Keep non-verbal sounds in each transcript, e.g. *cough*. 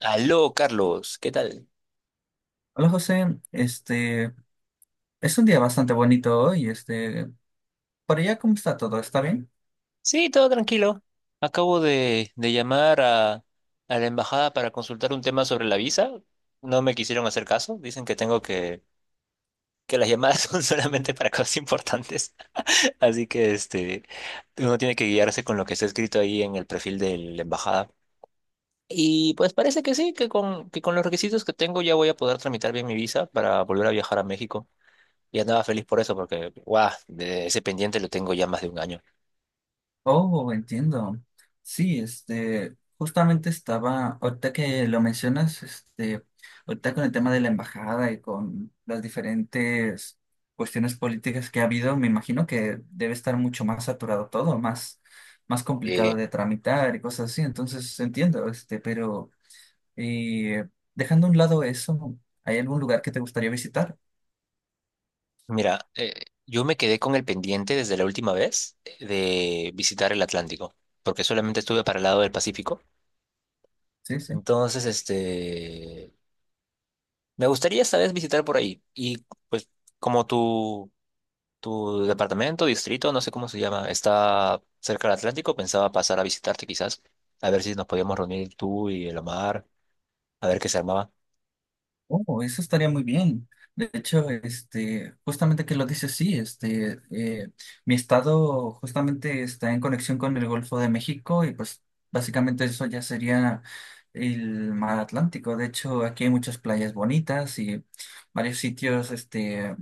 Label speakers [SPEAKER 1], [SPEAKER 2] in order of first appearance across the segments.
[SPEAKER 1] Aló, Carlos, ¿qué tal?
[SPEAKER 2] Hola José, es un día bastante bonito hoy, por allá, ¿cómo está todo? ¿Está bien?
[SPEAKER 1] Sí, todo tranquilo. Acabo de llamar a la embajada para consultar un tema sobre la visa. No me quisieron hacer caso. Dicen que tengo que las llamadas *laughs* son solamente para cosas importantes. *laughs* Así que este, uno tiene que guiarse con lo que está escrito ahí en el perfil de la embajada. Y pues parece que sí, que que con los requisitos que tengo ya voy a poder tramitar bien mi visa para volver a viajar a México. Y andaba feliz por eso, porque, guau, de ese pendiente lo tengo ya más de un año.
[SPEAKER 2] Oh, entiendo. Sí, justamente ahorita que lo mencionas, ahorita con el tema de la embajada y con las diferentes cuestiones políticas que ha habido, me imagino que debe estar mucho más saturado todo, más complicado
[SPEAKER 1] Eh,
[SPEAKER 2] de tramitar y cosas así. Entonces entiendo, pero eh, dejando a un lado eso, ¿hay algún lugar que te gustaría visitar?
[SPEAKER 1] Mira, yo me quedé con el pendiente desde la última vez de visitar el Atlántico, porque solamente estuve para el lado del Pacífico.
[SPEAKER 2] Sí, sí.
[SPEAKER 1] Entonces, este, me gustaría esta vez visitar por ahí. Y pues como tu departamento, distrito, no sé cómo se llama, está cerca del Atlántico, pensaba pasar a visitarte quizás, a ver si nos podíamos reunir tú y el Omar, a ver qué se armaba.
[SPEAKER 2] Oh, eso estaría muy bien. De hecho, justamente que lo dices, sí, mi estado justamente está en conexión con el Golfo de México y pues básicamente eso ya sería el mar Atlántico. De hecho, aquí hay muchas playas bonitas y varios sitios,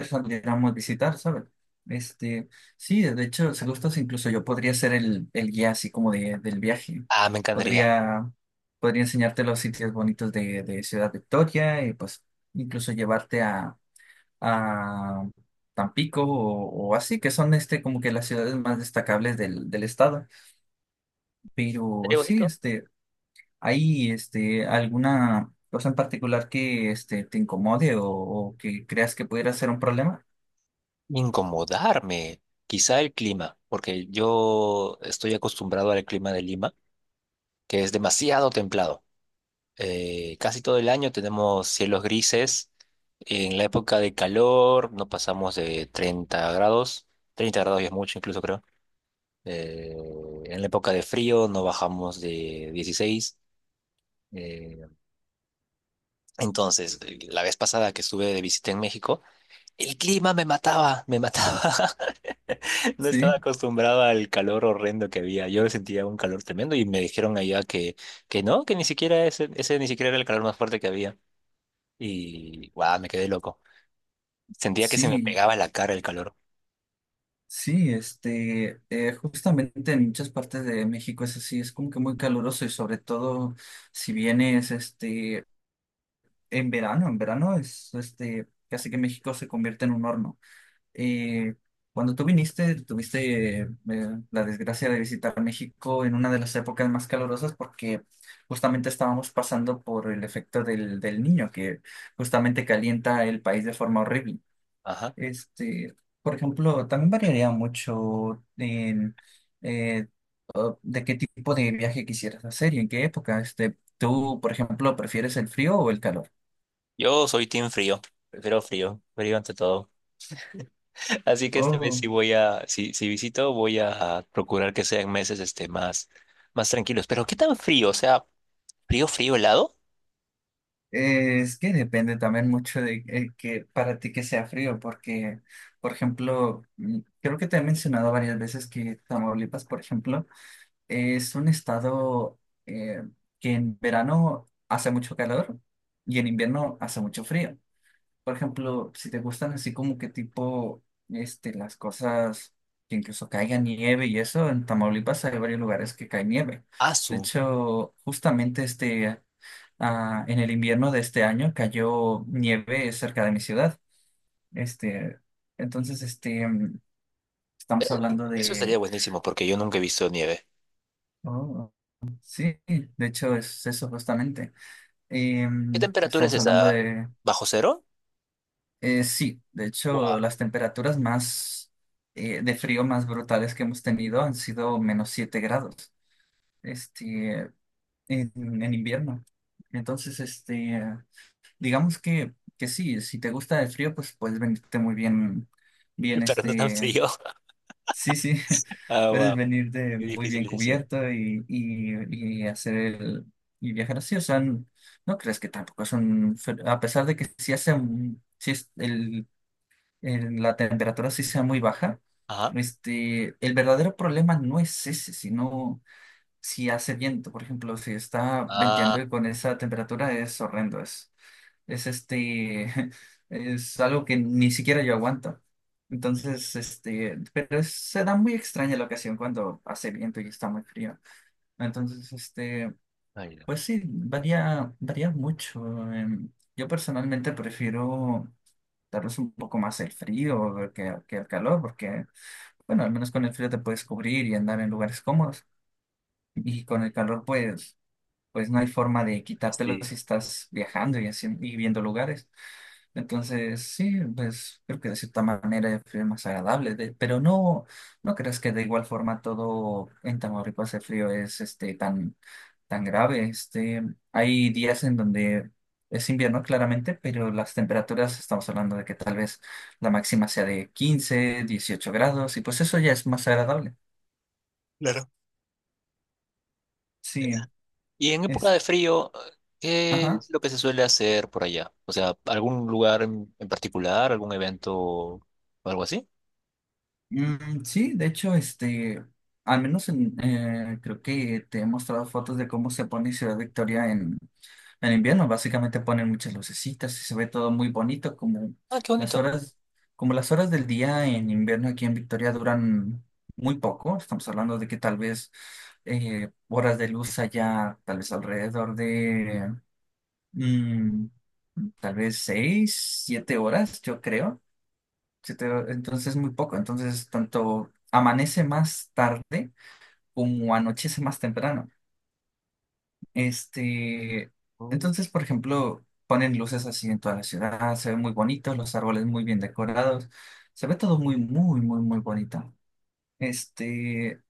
[SPEAKER 2] saliéramos a visitar, ¿sabes? Este, sí, de hecho, si gustas, incluso yo podría ser el guía, así como del viaje.
[SPEAKER 1] Ah, me encantaría.
[SPEAKER 2] Podría, podría enseñarte los sitios bonitos de Ciudad Victoria y pues incluso llevarte a Tampico o así, que son como que las ciudades más destacables del estado. Pero
[SPEAKER 1] Sería
[SPEAKER 2] sí,
[SPEAKER 1] bonito.
[SPEAKER 2] ¿hay alguna cosa en particular que te incomode o que creas que pudiera ser un problema?
[SPEAKER 1] Incomodarme, quizá el clima, porque yo estoy acostumbrado al clima de Lima, que es demasiado templado. Casi todo el año tenemos cielos grises. En la época de calor no pasamos de 30 grados. Treinta grados ya es mucho, incluso creo. Eh, en la época de frío no bajamos de 16. Eh, entonces, la vez pasada que estuve de visita en México, el clima me mataba, me mataba. *laughs* *laughs* No estaba
[SPEAKER 2] Sí,
[SPEAKER 1] acostumbrado al calor horrendo que había. Yo sentía un calor tremendo y me dijeron allá que no, que ni siquiera ese, ese ni siquiera era el calor más fuerte que había. Y guau, me quedé loco. Sentía que se me
[SPEAKER 2] sí.
[SPEAKER 1] pegaba la cara el calor.
[SPEAKER 2] Sí, justamente en muchas partes de México es así, es como que muy caluroso, y sobre todo si vienes, en verano es, casi que México se convierte en un horno. Eh, Cuando tú viniste, tuviste la desgracia de visitar México en una de las épocas más calurosas, porque justamente estábamos pasando por el efecto del niño, que justamente calienta el país de forma horrible.
[SPEAKER 1] Ajá.
[SPEAKER 2] Este, por ejemplo, también variaría mucho en eh, de qué tipo de viaje quisieras hacer y en qué época. Tú, por ejemplo, ¿prefieres el frío o el calor?
[SPEAKER 1] Yo soy team frío. Prefiero frío, frío ante todo. *laughs* Así que esta vez sí
[SPEAKER 2] Oh,
[SPEAKER 1] voy a, si, si visito, voy a procurar que sean meses este más, más tranquilos. Pero ¿qué tan frío? O sea, frío, frío, helado.
[SPEAKER 2] es que depende también mucho de que para ti que sea frío, porque, por ejemplo, creo que te he mencionado varias veces que Tamaulipas, por ejemplo, es un estado eh, que en verano hace mucho calor y en invierno hace mucho frío. Por ejemplo, si te gustan así como que tipo, las cosas que incluso caiga nieve y eso, en Tamaulipas hay varios lugares que cae nieve.
[SPEAKER 1] Ah,
[SPEAKER 2] De
[SPEAKER 1] su.
[SPEAKER 2] hecho, justamente en el invierno de este año cayó nieve cerca de mi ciudad. Este, entonces, estamos hablando
[SPEAKER 1] Eso estaría
[SPEAKER 2] de,
[SPEAKER 1] buenísimo porque yo nunca he visto nieve.
[SPEAKER 2] oh, sí, de hecho es eso justamente.
[SPEAKER 1] ¿Qué temperatura es
[SPEAKER 2] Estamos hablando
[SPEAKER 1] esa?
[SPEAKER 2] de.
[SPEAKER 1] ¿Bajo cero?
[SPEAKER 2] Sí, de hecho,
[SPEAKER 1] Wow,
[SPEAKER 2] las temperaturas más de frío más brutales que hemos tenido han sido menos 7 grados, este, en invierno. Entonces, digamos que sí, si te gusta el frío, pues puedes venirte muy bien, bien,
[SPEAKER 1] pero no tan
[SPEAKER 2] este,
[SPEAKER 1] frío. *laughs*
[SPEAKER 2] sí, sí, *laughs*
[SPEAKER 1] Ah,
[SPEAKER 2] puedes
[SPEAKER 1] wow,
[SPEAKER 2] venirte
[SPEAKER 1] qué
[SPEAKER 2] muy
[SPEAKER 1] difícil
[SPEAKER 2] bien
[SPEAKER 1] decisión.
[SPEAKER 2] cubierto, y y viajar así. O sea, no crees que tampoco es un, a pesar de que sí hace un, sí es el, en la temperatura sí sea muy baja.
[SPEAKER 1] Ajá.
[SPEAKER 2] El verdadero problema no es ese, sino si hace viento. Por ejemplo, si está
[SPEAKER 1] Ah,
[SPEAKER 2] venteando y con esa temperatura es horrendo, es este, *laughs* es algo que ni siquiera yo aguanto. Entonces, pero se da muy extraña la ocasión cuando hace viento y está muy frío. Entonces,
[SPEAKER 1] ahí va.
[SPEAKER 2] pues sí, varía mucho. em, Yo personalmente prefiero tal vez un poco más el frío que el calor, porque, bueno, al menos con el frío te puedes cubrir y andar en lugares cómodos. Y con el calor, pues no hay forma de quitártelo
[SPEAKER 1] Sí,
[SPEAKER 2] si estás viajando y, haciendo, y viendo lugares. Entonces, sí, pues creo que de cierta manera fue más agradable, pero no, no creas que de igual forma todo en Tamaulipas el frío es tan, tan grave. Hay días en donde es invierno claramente, pero las temperaturas, estamos hablando de que tal vez la máxima sea de 15-18 grados, y pues eso ya es más agradable.
[SPEAKER 1] claro.
[SPEAKER 2] Sí,
[SPEAKER 1] Y en época
[SPEAKER 2] es,
[SPEAKER 1] de frío, ¿qué
[SPEAKER 2] ajá.
[SPEAKER 1] es lo que se suele hacer por allá? O sea, ¿algún lugar en particular, algún evento o algo así?
[SPEAKER 2] Mm, sí, de hecho, al menos creo que te he mostrado fotos de cómo se pone Ciudad Victoria en invierno. Básicamente ponen muchas lucecitas y se ve todo muy bonito, como
[SPEAKER 1] Ah, qué
[SPEAKER 2] las
[SPEAKER 1] bonito.
[SPEAKER 2] horas, del día en invierno aquí en Victoria duran muy poco. Estamos hablando de que tal vez horas de luz allá, tal vez alrededor de mm, tal vez 6, 7 horas, yo creo. se te- entonces es muy poco, entonces tanto amanece más tarde como anochece más temprano. Este,
[SPEAKER 1] Mm.
[SPEAKER 2] entonces, por ejemplo, ponen luces así en toda la ciudad, se ve muy bonito, los árboles muy bien decorados, se ve todo muy, muy, muy, muy bonito. Este,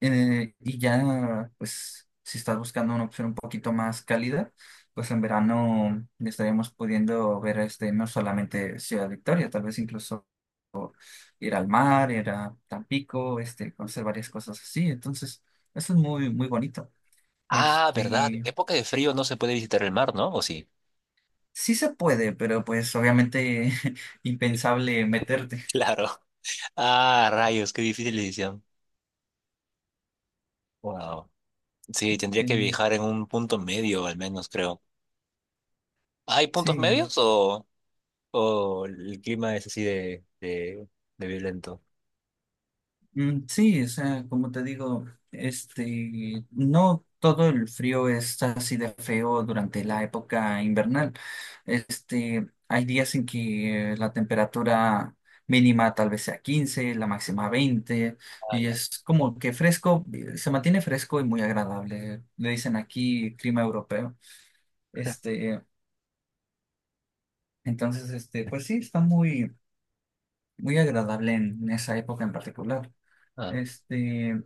[SPEAKER 2] y ya, pues, si estás buscando una opción un poquito más cálida, pues en verano estaríamos pudiendo ver no solamente Ciudad Victoria, tal vez incluso ir al mar, ir a Tampico, conocer varias cosas así. Entonces, eso es muy, muy bonito.
[SPEAKER 1] Ah, verdad. ¿En
[SPEAKER 2] Este,
[SPEAKER 1] época de frío no se puede visitar el mar, no? ¿O sí?
[SPEAKER 2] sí se puede, pero pues obviamente *laughs*
[SPEAKER 1] *laughs*
[SPEAKER 2] impensable meterte.
[SPEAKER 1] Claro. Ah, rayos, qué difícil decisión. Wow. Sí, tendría que
[SPEAKER 2] Sí,
[SPEAKER 1] viajar en un punto medio, al menos, creo. ¿Hay puntos
[SPEAKER 2] sí.
[SPEAKER 1] medios o el clima es así de violento?
[SPEAKER 2] Mm, sí, o sea, como te digo, no todo el frío es así de feo durante la época invernal. Hay días en que la temperatura mínima tal vez sea 15, la máxima 20,
[SPEAKER 1] Ah,
[SPEAKER 2] y
[SPEAKER 1] ya.
[SPEAKER 2] es como que fresco, se mantiene fresco y muy agradable. Le dicen aquí clima europeo. Este, entonces, pues sí, está muy, muy agradable en esa época en particular.
[SPEAKER 1] Ah.
[SPEAKER 2] Este,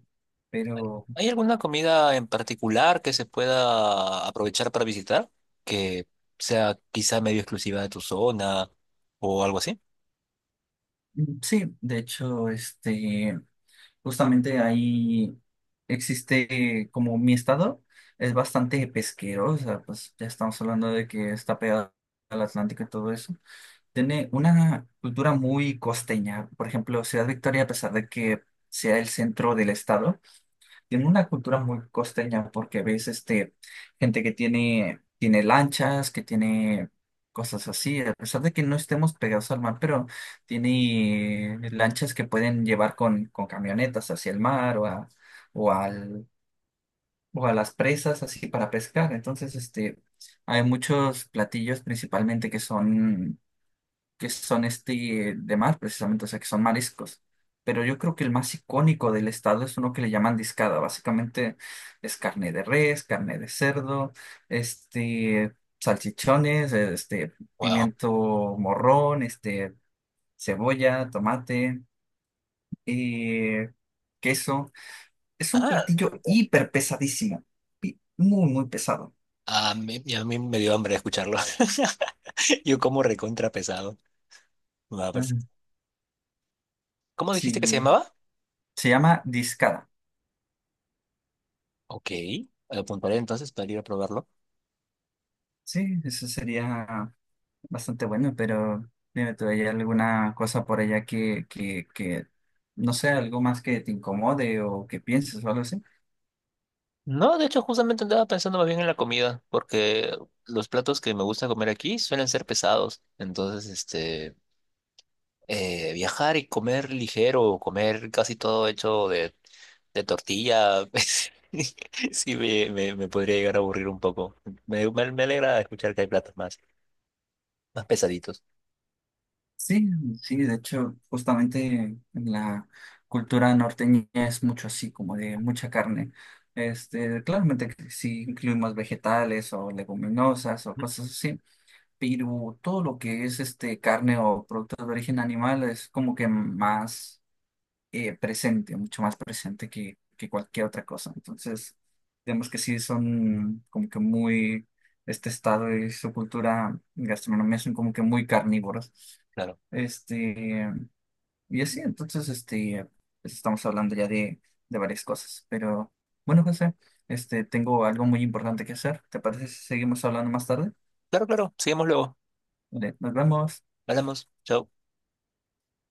[SPEAKER 1] ¿Hay
[SPEAKER 2] pero
[SPEAKER 1] hay alguna comida en particular que se pueda aprovechar para visitar? Que sea quizá medio exclusiva de tu zona o algo así.
[SPEAKER 2] mm, sí, de hecho, justamente ahí existe, como mi estado es bastante pesquero. O sea, pues ya estamos hablando de que está pegado al Atlántico y todo eso. Tiene una cultura muy costeña. Por ejemplo, Ciudad Victoria, a pesar de que sea el centro del estado, tiene una cultura muy costeña porque ves gente que tiene lanchas, que tiene cosas así, a pesar de que no estemos pegados al mar, pero tiene lanchas que pueden llevar con camionetas hacia el mar o a, o al, o a las presas así para pescar. Entonces, hay muchos platillos principalmente que son de mar, precisamente, o sea, que son mariscos. Pero yo creo que el más icónico del estado es uno que le llaman discada. Básicamente es carne de res, carne de cerdo, este, salchichones,
[SPEAKER 1] Wow.
[SPEAKER 2] pimiento morrón, cebolla, tomate y queso. Es un
[SPEAKER 1] Ah, qué
[SPEAKER 2] platillo
[SPEAKER 1] rico.
[SPEAKER 2] hiper pesadísimo, muy, muy pesado.
[SPEAKER 1] Y a mí me dio hambre escucharlo. *laughs* Yo como recontra pesado. Va,
[SPEAKER 2] Claro.
[SPEAKER 1] perfecto. ¿Cómo dijiste que se
[SPEAKER 2] Sí,
[SPEAKER 1] llamaba?
[SPEAKER 2] se llama discada.
[SPEAKER 1] Ok, apuntaré entonces para ir a probarlo.
[SPEAKER 2] Sí, eso sería bastante bueno, pero dime tú, ¿hay alguna cosa por allá que, no sé, algo más que te incomode o que pienses o algo así?
[SPEAKER 1] No, de hecho, justamente andaba pensando más bien en la comida, porque los platos que me gusta comer aquí suelen ser pesados. Entonces, este, viajar y comer ligero, comer casi todo hecho de tortilla, *laughs* pues, sí me podría llegar a aburrir un poco. Me alegra escuchar que hay platos más, más pesaditos.
[SPEAKER 2] Sí, sí, de hecho, justamente en la cultura norteña es mucho así, como de mucha carne. Claramente que sí incluimos vegetales o leguminosas o cosas así, pero todo lo que es carne o productos de origen animal es como que más presente, mucho más presente que cualquier otra cosa. Entonces, digamos que sí son como que este estado y su cultura gastronómica son como que muy carnívoros.
[SPEAKER 1] Claro,
[SPEAKER 2] Este, y así, entonces, pues estamos hablando ya de varias cosas. Pero bueno, José, tengo algo muy importante que hacer. ¿Te parece si seguimos hablando más tarde?
[SPEAKER 1] claro, claro, sigamos luego.
[SPEAKER 2] Vale, nos vemos.
[SPEAKER 1] Hablamos, chao.